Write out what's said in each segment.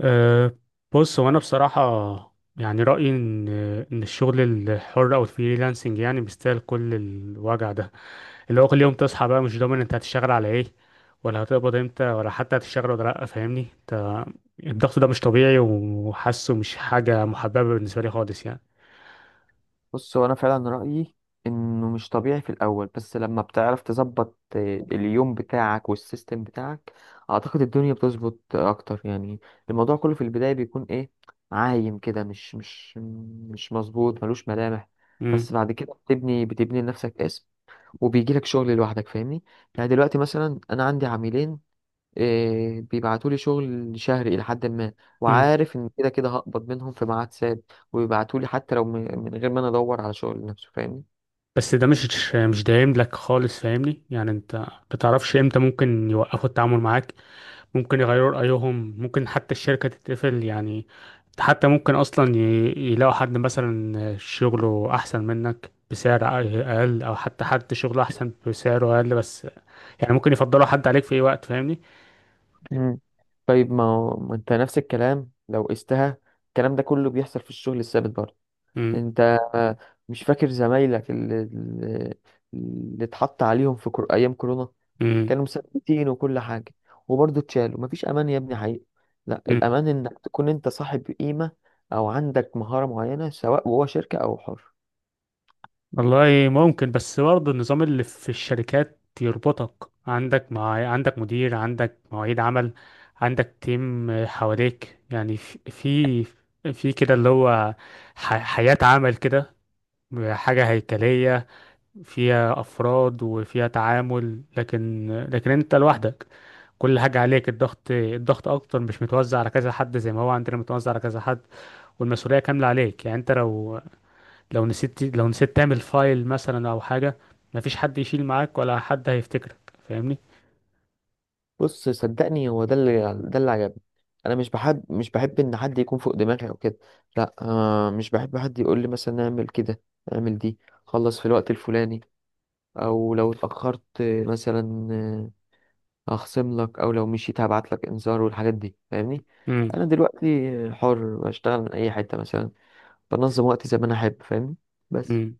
أه. بص هو انا بصراحه، يعني رايي ان الشغل الحر او الفريلانسنج يعني بيستاهل كل الوجع ده، اللي هو كل يوم تصحى بقى مش ضامن انت هتشتغل على ايه، ولا هتقبض امتى، ولا حتى هتشتغل ولا لا، فاهمني انت؟ الضغط ده مش طبيعي، وحاسه مش حاجه محببه بالنسبه لي خالص يعني. بص، هو انا فعلا رايي انه مش طبيعي في الاول، بس لما بتعرف تظبط اليوم بتاعك والسيستم بتاعك، اعتقد الدنيا بتظبط اكتر يعني. الموضوع كله في البدايه بيكون ايه، عايم كده، مش مظبوط، ملوش ملامح. امم. بس بعد كده بتبني بتبني لنفسك اسم، وبيجيلك شغل لوحدك، فاهمني؟ يعني دلوقتي مثلا انا عندي عميلين، إيه، بيبعتولي شغل شهري إلى حد ما، امم. وعارف إن كده كده هقبض منهم في ميعاد ثابت، وبيبعتولي حتى لو من غير ما أنا أدور على شغل نفسه، فاهمني؟ بس ده مش دايم لك خالص، فاهمني؟ يعني انت بتعرفش امتى ممكن يوقفوا التعامل معاك، ممكن يغيروا رأيهم، ممكن حتى الشركة تتقفل يعني. حتى ممكن أصلا يلاقوا حد مثلا شغله أحسن منك بسعر أقل، أو حتى حد شغله أحسن بسعره أقل بس. يعني ممكن يفضلوا حد عليك في أي وقت، فاهمني؟ مم. طيب ما أنت نفس الكلام لو قستها، الكلام ده كله بيحصل في الشغل الثابت برضه. مم. أنت آه، مش فاكر زمايلك اللي اتحط عليهم في أيام كورونا؟ مم. كانوا مثبتين وكل حاجة وبرضه اتشالوا، مفيش أمان يا ابني حقيقي. لا، مم. الأمان إنك تكون أنت صاحب قيمة أو عندك مهارة معينة، سواء جوه شركة أو حر. والله ممكن، بس برضه النظام اللي في الشركات يربطك، عندك مع عندك مدير، عندك مواعيد عمل، عندك تيم حواليك، يعني في في كده اللي هو حياة عمل كده، حاجة هيكلية فيها أفراد وفيها تعامل، لكن أنت لوحدك، كل حاجة عليك. الضغط أكتر، مش متوزع على كذا حد زي ما هو عندنا متوزع على كذا حد، والمسؤولية كاملة عليك. يعني أنت لو نسيت تعمل فايل مثلا أو حاجة، مفيش حد يشيل معاك ولا حد هيفتكرك، فاهمني؟ بص صدقني، هو ده اللي، ده اللي عجبني. أنا مش بحب، إن حد يكون فوق دماغي أو كده. لا مش بحب حد يقول لي مثلا اعمل كده، اعمل دي، خلص في الوقت الفلاني، أو لو اتأخرت مثلا هخصم لك، أو لو مشيت هبعت لك إنذار والحاجات دي، فاهمني؟ امم. أنا دلوقتي حر، بشتغل من أي حتة مثلا، بنظم وقتي زي ما انا احب، فاهمني؟ بس. امم.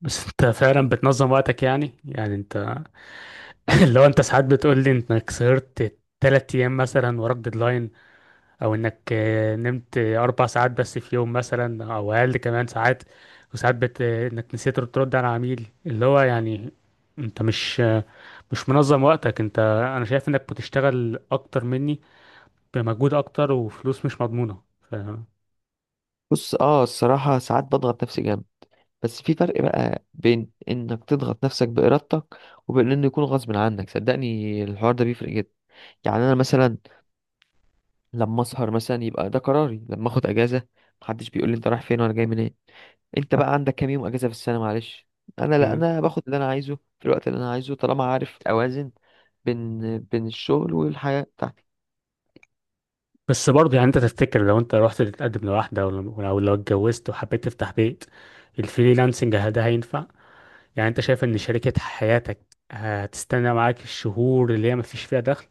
بس أنت فعلا بتنظم وقتك يعني أنت لو أنت ساعات بتقول لي إنك سهرت 3 أيام مثلا وراك ديدلاين، او انك نمت 4 ساعات بس في يوم مثلا او اقل كمان ساعات، وساعات بت... آه، انك نسيت ترد على عميل، اللي هو يعني انت مش منظم وقتك انت. انا شايف انك بتشتغل اكتر مني، بمجهود اكتر وفلوس مش مضمونة. بص الصراحة ساعات بضغط نفسي جامد، بس في فرق بقى بين انك تضغط نفسك بإرادتك وبين انه يكون غصب عنك. صدقني الحوار ده بيفرق جدا. يعني انا مثلا لما اسهر مثلا يبقى ده قراري، لما اخد اجازة محدش بيقول لي انت رايح فين ولا جاي منين، انت بقى عندك كام يوم اجازة في السنة معلش. انا لا، مم. انا باخد اللي انا عايزه في الوقت اللي انا عايزه، طالما عارف اوازن بين الشغل والحياة بتاعتي. بس برضه يعني انت تفتكر لو انت رحت تتقدم لواحدة، ولو لو لو اتجوزت وحبيت تفتح بيت، الفريلانسنج ده هينفع؟ يعني انت شايف ان شركة حياتك هتستنى معاك الشهور اللي هي مفيش فيها دخل؟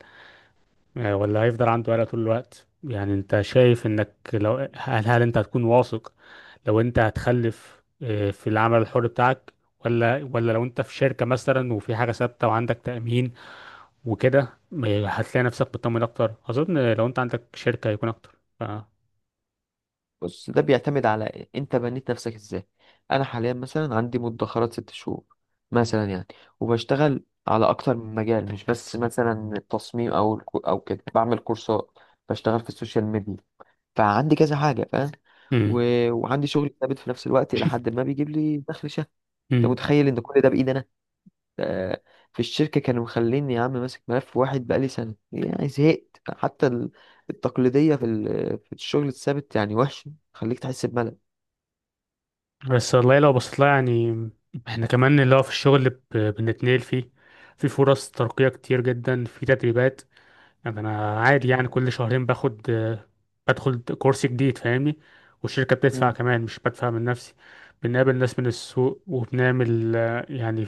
ولا هيفضل عنده قلق طول الوقت؟ يعني انت شايف انك لو هل انت هتكون واثق، لو انت هتخلف في العمل الحر بتاعك، ولا لو انت في شركة مثلا وفي حاجة ثابتة وعندك تأمين وكده، هتلاقي نفسك مطمن اكتر، اظن لو انت عندك شركة هيكون اكتر. بص ده بيعتمد على انت بنيت نفسك ازاي. انا حاليا مثلا عندي مدخرات ست شهور مثلا يعني، وبشتغل على اكتر من مجال، مش بس مثلا التصميم او او كده، بعمل كورسات، بشتغل في السوشيال ميديا، فعندي كذا حاجه، فاهم؟ مم. و... وعندي شغل ثابت في نفس الوقت الى حد ما، بيجيب لي دخل شهري. انت مم. متخيل ان كل ده بايدي انا؟ ده في الشركه كانوا مخليني يا عم ماسك ملف واحد بقالي سنه، يعني زهقت. حتى التقليديه في الشغل الثابت يعني وحش، خليك تحس بملل. بس والله لو بصيت لها يعني، احنا كمان اللي هو في الشغل بنتنقل فيه، في فرص ترقية كتير جدا، في تدريبات. يعني انا عادي، يعني كل شهرين باخد بدخل كورس جديد، فاهمني؟ والشركة بتدفع مم. كمان، مش بدفع من نفسي. بنقابل ناس من السوق، وبنعمل يعني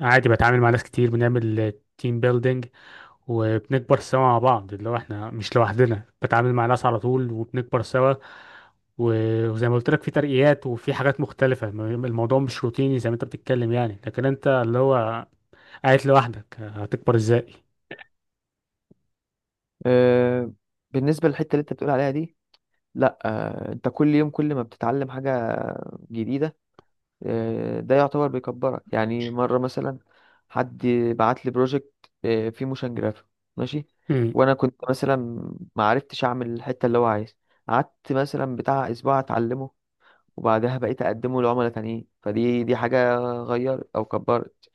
عادي، بتعامل مع ناس كتير، بنعمل تيم بيلدينج، وبنكبر سوا مع بعض، اللي هو احنا مش لوحدنا، بتعامل مع ناس على طول وبنكبر سوا. وزي ما قلت لك، في ترقيات وفي حاجات مختلفة، الموضوع مش روتيني زي ما انت بتتكلم يعني، لكن انت اللي هو قاعد لوحدك هتكبر ازاي؟ آه، بالنسبة للحتة اللي انت بتقول عليها دي، لا انت كل يوم كل ما بتتعلم حاجة جديدة ده يعتبر بيكبرك. يعني مرة مثلا حد بعت لي بروجكت فيه موشن جرافيك، ماشي، مم. وانا كنت مثلا ما عرفتش اعمل الحتة اللي هو عايز، قعدت مثلا بتاع اسبوع اتعلمه، وبعدها بقيت اقدمه لعملاء تانيين. فدي دي حاجة غيرت او كبرت.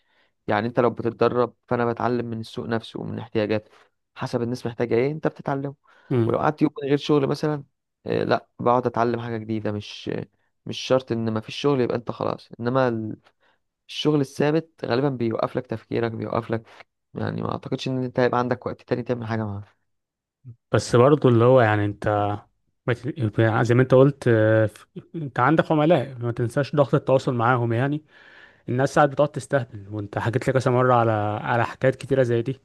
يعني انت لو بتتدرب، فانا بتعلم من السوق نفسه ومن احتياجاته، حسب الناس محتاجه ايه انت بتتعلمه. مم. ولو قعدت يوم من غير شغل مثلا، لا بقعد اتعلم حاجه جديده. مش شرط ان ما فيش شغل يبقى انت خلاص، انما الشغل الثابت غالبا بيوقف لك تفكيرك، بيوقف لك يعني، ما اعتقدش ان انت هيبقى عندك وقت تاني تعمل حاجه معاه. بس برضه اللي هو يعني انت ما ت- زي ما انت قلت، انت عندك عملاء، ما تنساش ضغط التواصل معاهم يعني. الناس ساعات بتقعد تستهبل، وانت حكيت لي كذا مرة على حكايات كتيرة زي دي.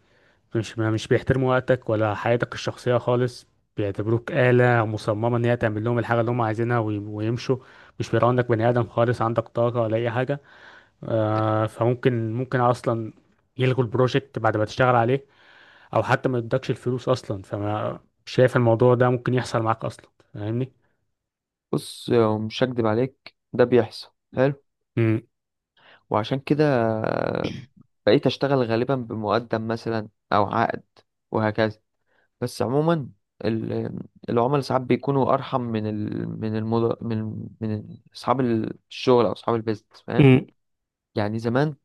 مش، مش بيحترموا وقتك ولا حياتك الشخصية خالص، بيعتبروك آلة مصممة ان هي تعمل لهم الحاجة اللي هم عايزينها ويمشوا. مش بيراعوا انك بني آدم خالص، عندك طاقة ولا أي حاجة. فممكن أصلا يلغوا البروجكت بعد ما تشتغل عليه، او حتى ما يدكش الفلوس اصلا، فما مش شايف الموضوع ده ممكن يحصل معاك اصلا، فاهمني؟ بص مش هكدب عليك، ده بيحصل. حلو. امم. وعشان كده آه، بقيت اشتغل غالبا بمقدم مثلا او عقد، وهكذا. بس عموما ال- العملاء ساعات بيكونوا ارحم من ال... من المد... من من اصحاب الشغل او اصحاب البيزنس، فاهم؟ امم. يعني زمان،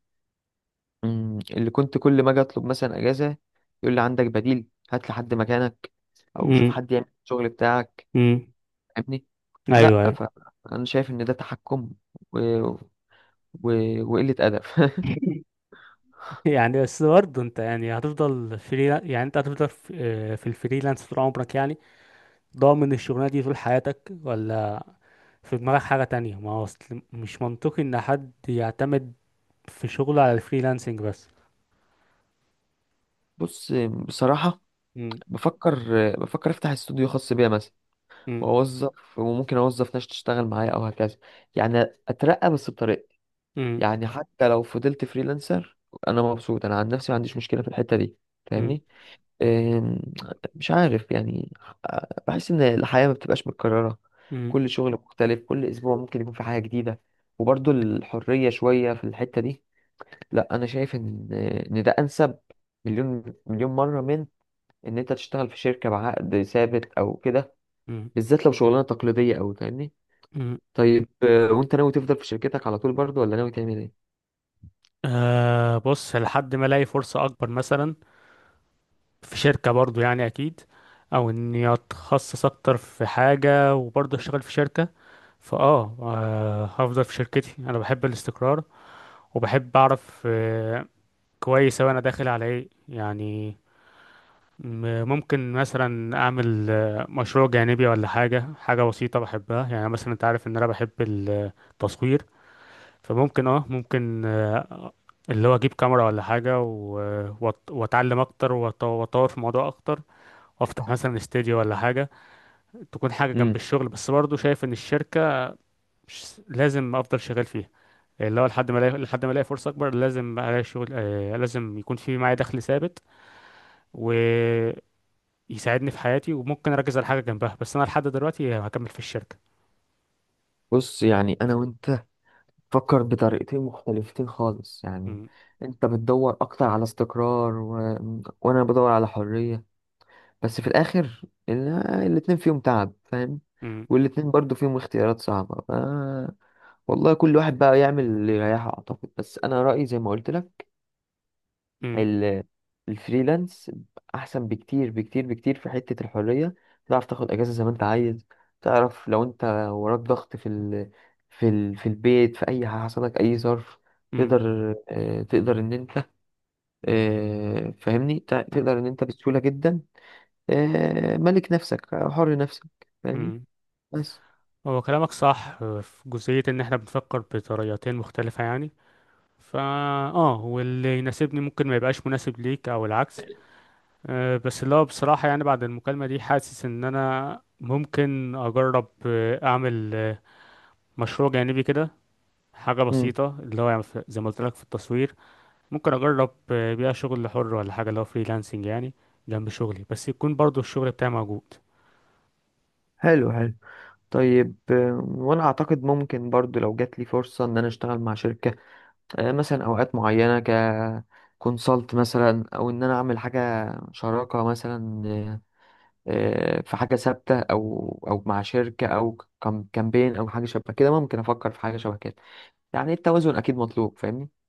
مم، اللي كنت كل ما اجي اطلب مثلا اجازه يقول لي عندك بديل، هات لي حد مكانك، او شوف امم. حد يعمل الشغل بتاعك، امم. فاهمني؟ ايوه، لا. ايوه. فانا شايف ان ده تحكم و... و... وقله ادب يعني بس برضه انت يعني هتفضل فري؟ يعني انت هتفضل في الفريلانس طول عمرك يعني؟ ضامن الشغلانه دي طول حياتك، ولا في دماغك حاجه تانية؟ ما هو أصل مش منطقي ان حد يعتمد في شغله على الفريلانسنج بس. بص، بصراحه، امم. بفكر، بفكر افتح استوديو خاص بيا مثلا، امم. واوظف، وممكن اوظف ناس تشتغل معايا او هكذا. يعني اترقى بس بطريقة، امم. يعني حتى لو فضلت فريلانسر، انا مبسوط انا عن نفسي، ما عنديش مشكلة في الحتة دي، امم. فاهمني؟ أم، مش عارف يعني، بحس ان الحياة ما بتبقاش متكررة. امم. كل شغل مختلف، كل اسبوع ممكن يكون في حاجة جديدة، وبرضو الحرية شوية في الحتة دي. لا، انا شايف ان ده انسب مليون مليون مرة من ان انت تشتغل في شركة بعقد ثابت او كده، امم. بالذات لو شغلانة تقليدية أوي، فاهمني؟ امم. طيب وانت ناوي تفضل في شركتك على طول برضه، ولا ناوي تعمل ايه؟ آه، بص لحد ما الاقي فرصه اكبر مثلا، في شركة برضو يعني أكيد، أو إني أتخصص أكتر في حاجة وبرضو أشتغل في شركة. فأه آه، هفضل في شركتي، أنا بحب الاستقرار، وبحب أعرف كويس أوي أنا داخل على إيه يعني. ممكن مثلا أعمل مشروع جانبي ولا حاجة، حاجة بسيطة بحبها، يعني مثلا أنت عارف إن أنا بحب التصوير. فممكن أه ممكن آه، اللي هو أجيب كاميرا ولا حاجة، وأتعلم أكتر، وأطور في الموضوع أكتر، افتح مثلا استوديو ولا حاجه، تكون حاجه جنب امم الشغل. بس برضه شايف ان الشركه مش لازم افضل شغال فيها، اللي هو لحد ما الاقي فرصه اكبر. لازم الاقي شغل، لازم يكون في معايا دخل ثابت ويساعدني في حياتي، وممكن اركز على حاجه جنبها. بس انا لحد دلوقتي هكمل في الشركه. بص، يعني انا وانت فكر بطريقتين مختلفتين خالص يعني، مم. انت بتدور اكتر على استقرار، و... وانا بدور على حرية. بس في الاخر ال- الاتنين فيهم تعب، فاهم؟ مم. والاتنين برضو فيهم اختيارات صعبة. ف... والله كل واحد بقى يعمل اللي يريحه اعتقد، بس انا رأيي زي ما قلت لك، مم. ال- الفريلانس احسن بكتير بكتير بكتير في حتة الحرية. تعرف تاخد اجازة زي ما انت عايز، تعرف لو انت وراك ضغط في البيت، في اي حاجة حصلك اي ظرف، مم. تقدر تقدر ان انت فاهمني، تقدر ان انت بسهولة جدا ملك نفسك، حر نفسك، فاهمني؟ مم. بس. هو كلامك صح، في جزئيه ان احنا بنفكر بطريقتين مختلفه يعني، فا اه واللي يناسبني ممكن ما يبقاش مناسب ليك او العكس. بس اللي هو بصراحة يعني بعد المكالمة دي، حاسس إن أنا ممكن أجرب أعمل مشروع جانبي كده، حاجة مم. بسيطة اللي هو يعني، زي ما قلت لك في التصوير. ممكن أجرب بيها شغل حر ولا حاجة، اللي هو فريلانسنج يعني، جنب شغلي، بس يكون برضو الشغل بتاعي موجود. حلو حلو. طيب وانا اعتقد ممكن برضو لو جات لي فرصة ان انا اشتغل مع شركة مثلا اوقات معينه، كونسلت مثلا، او ان انا اعمل حاجه شراكه مثلا، في حاجه ثابته او مع شركه، او كامبين، او حاجه شبه كده، ممكن افكر في حاجه شبه كده يعني. التوازن اكيد مطلوب، فاهمني؟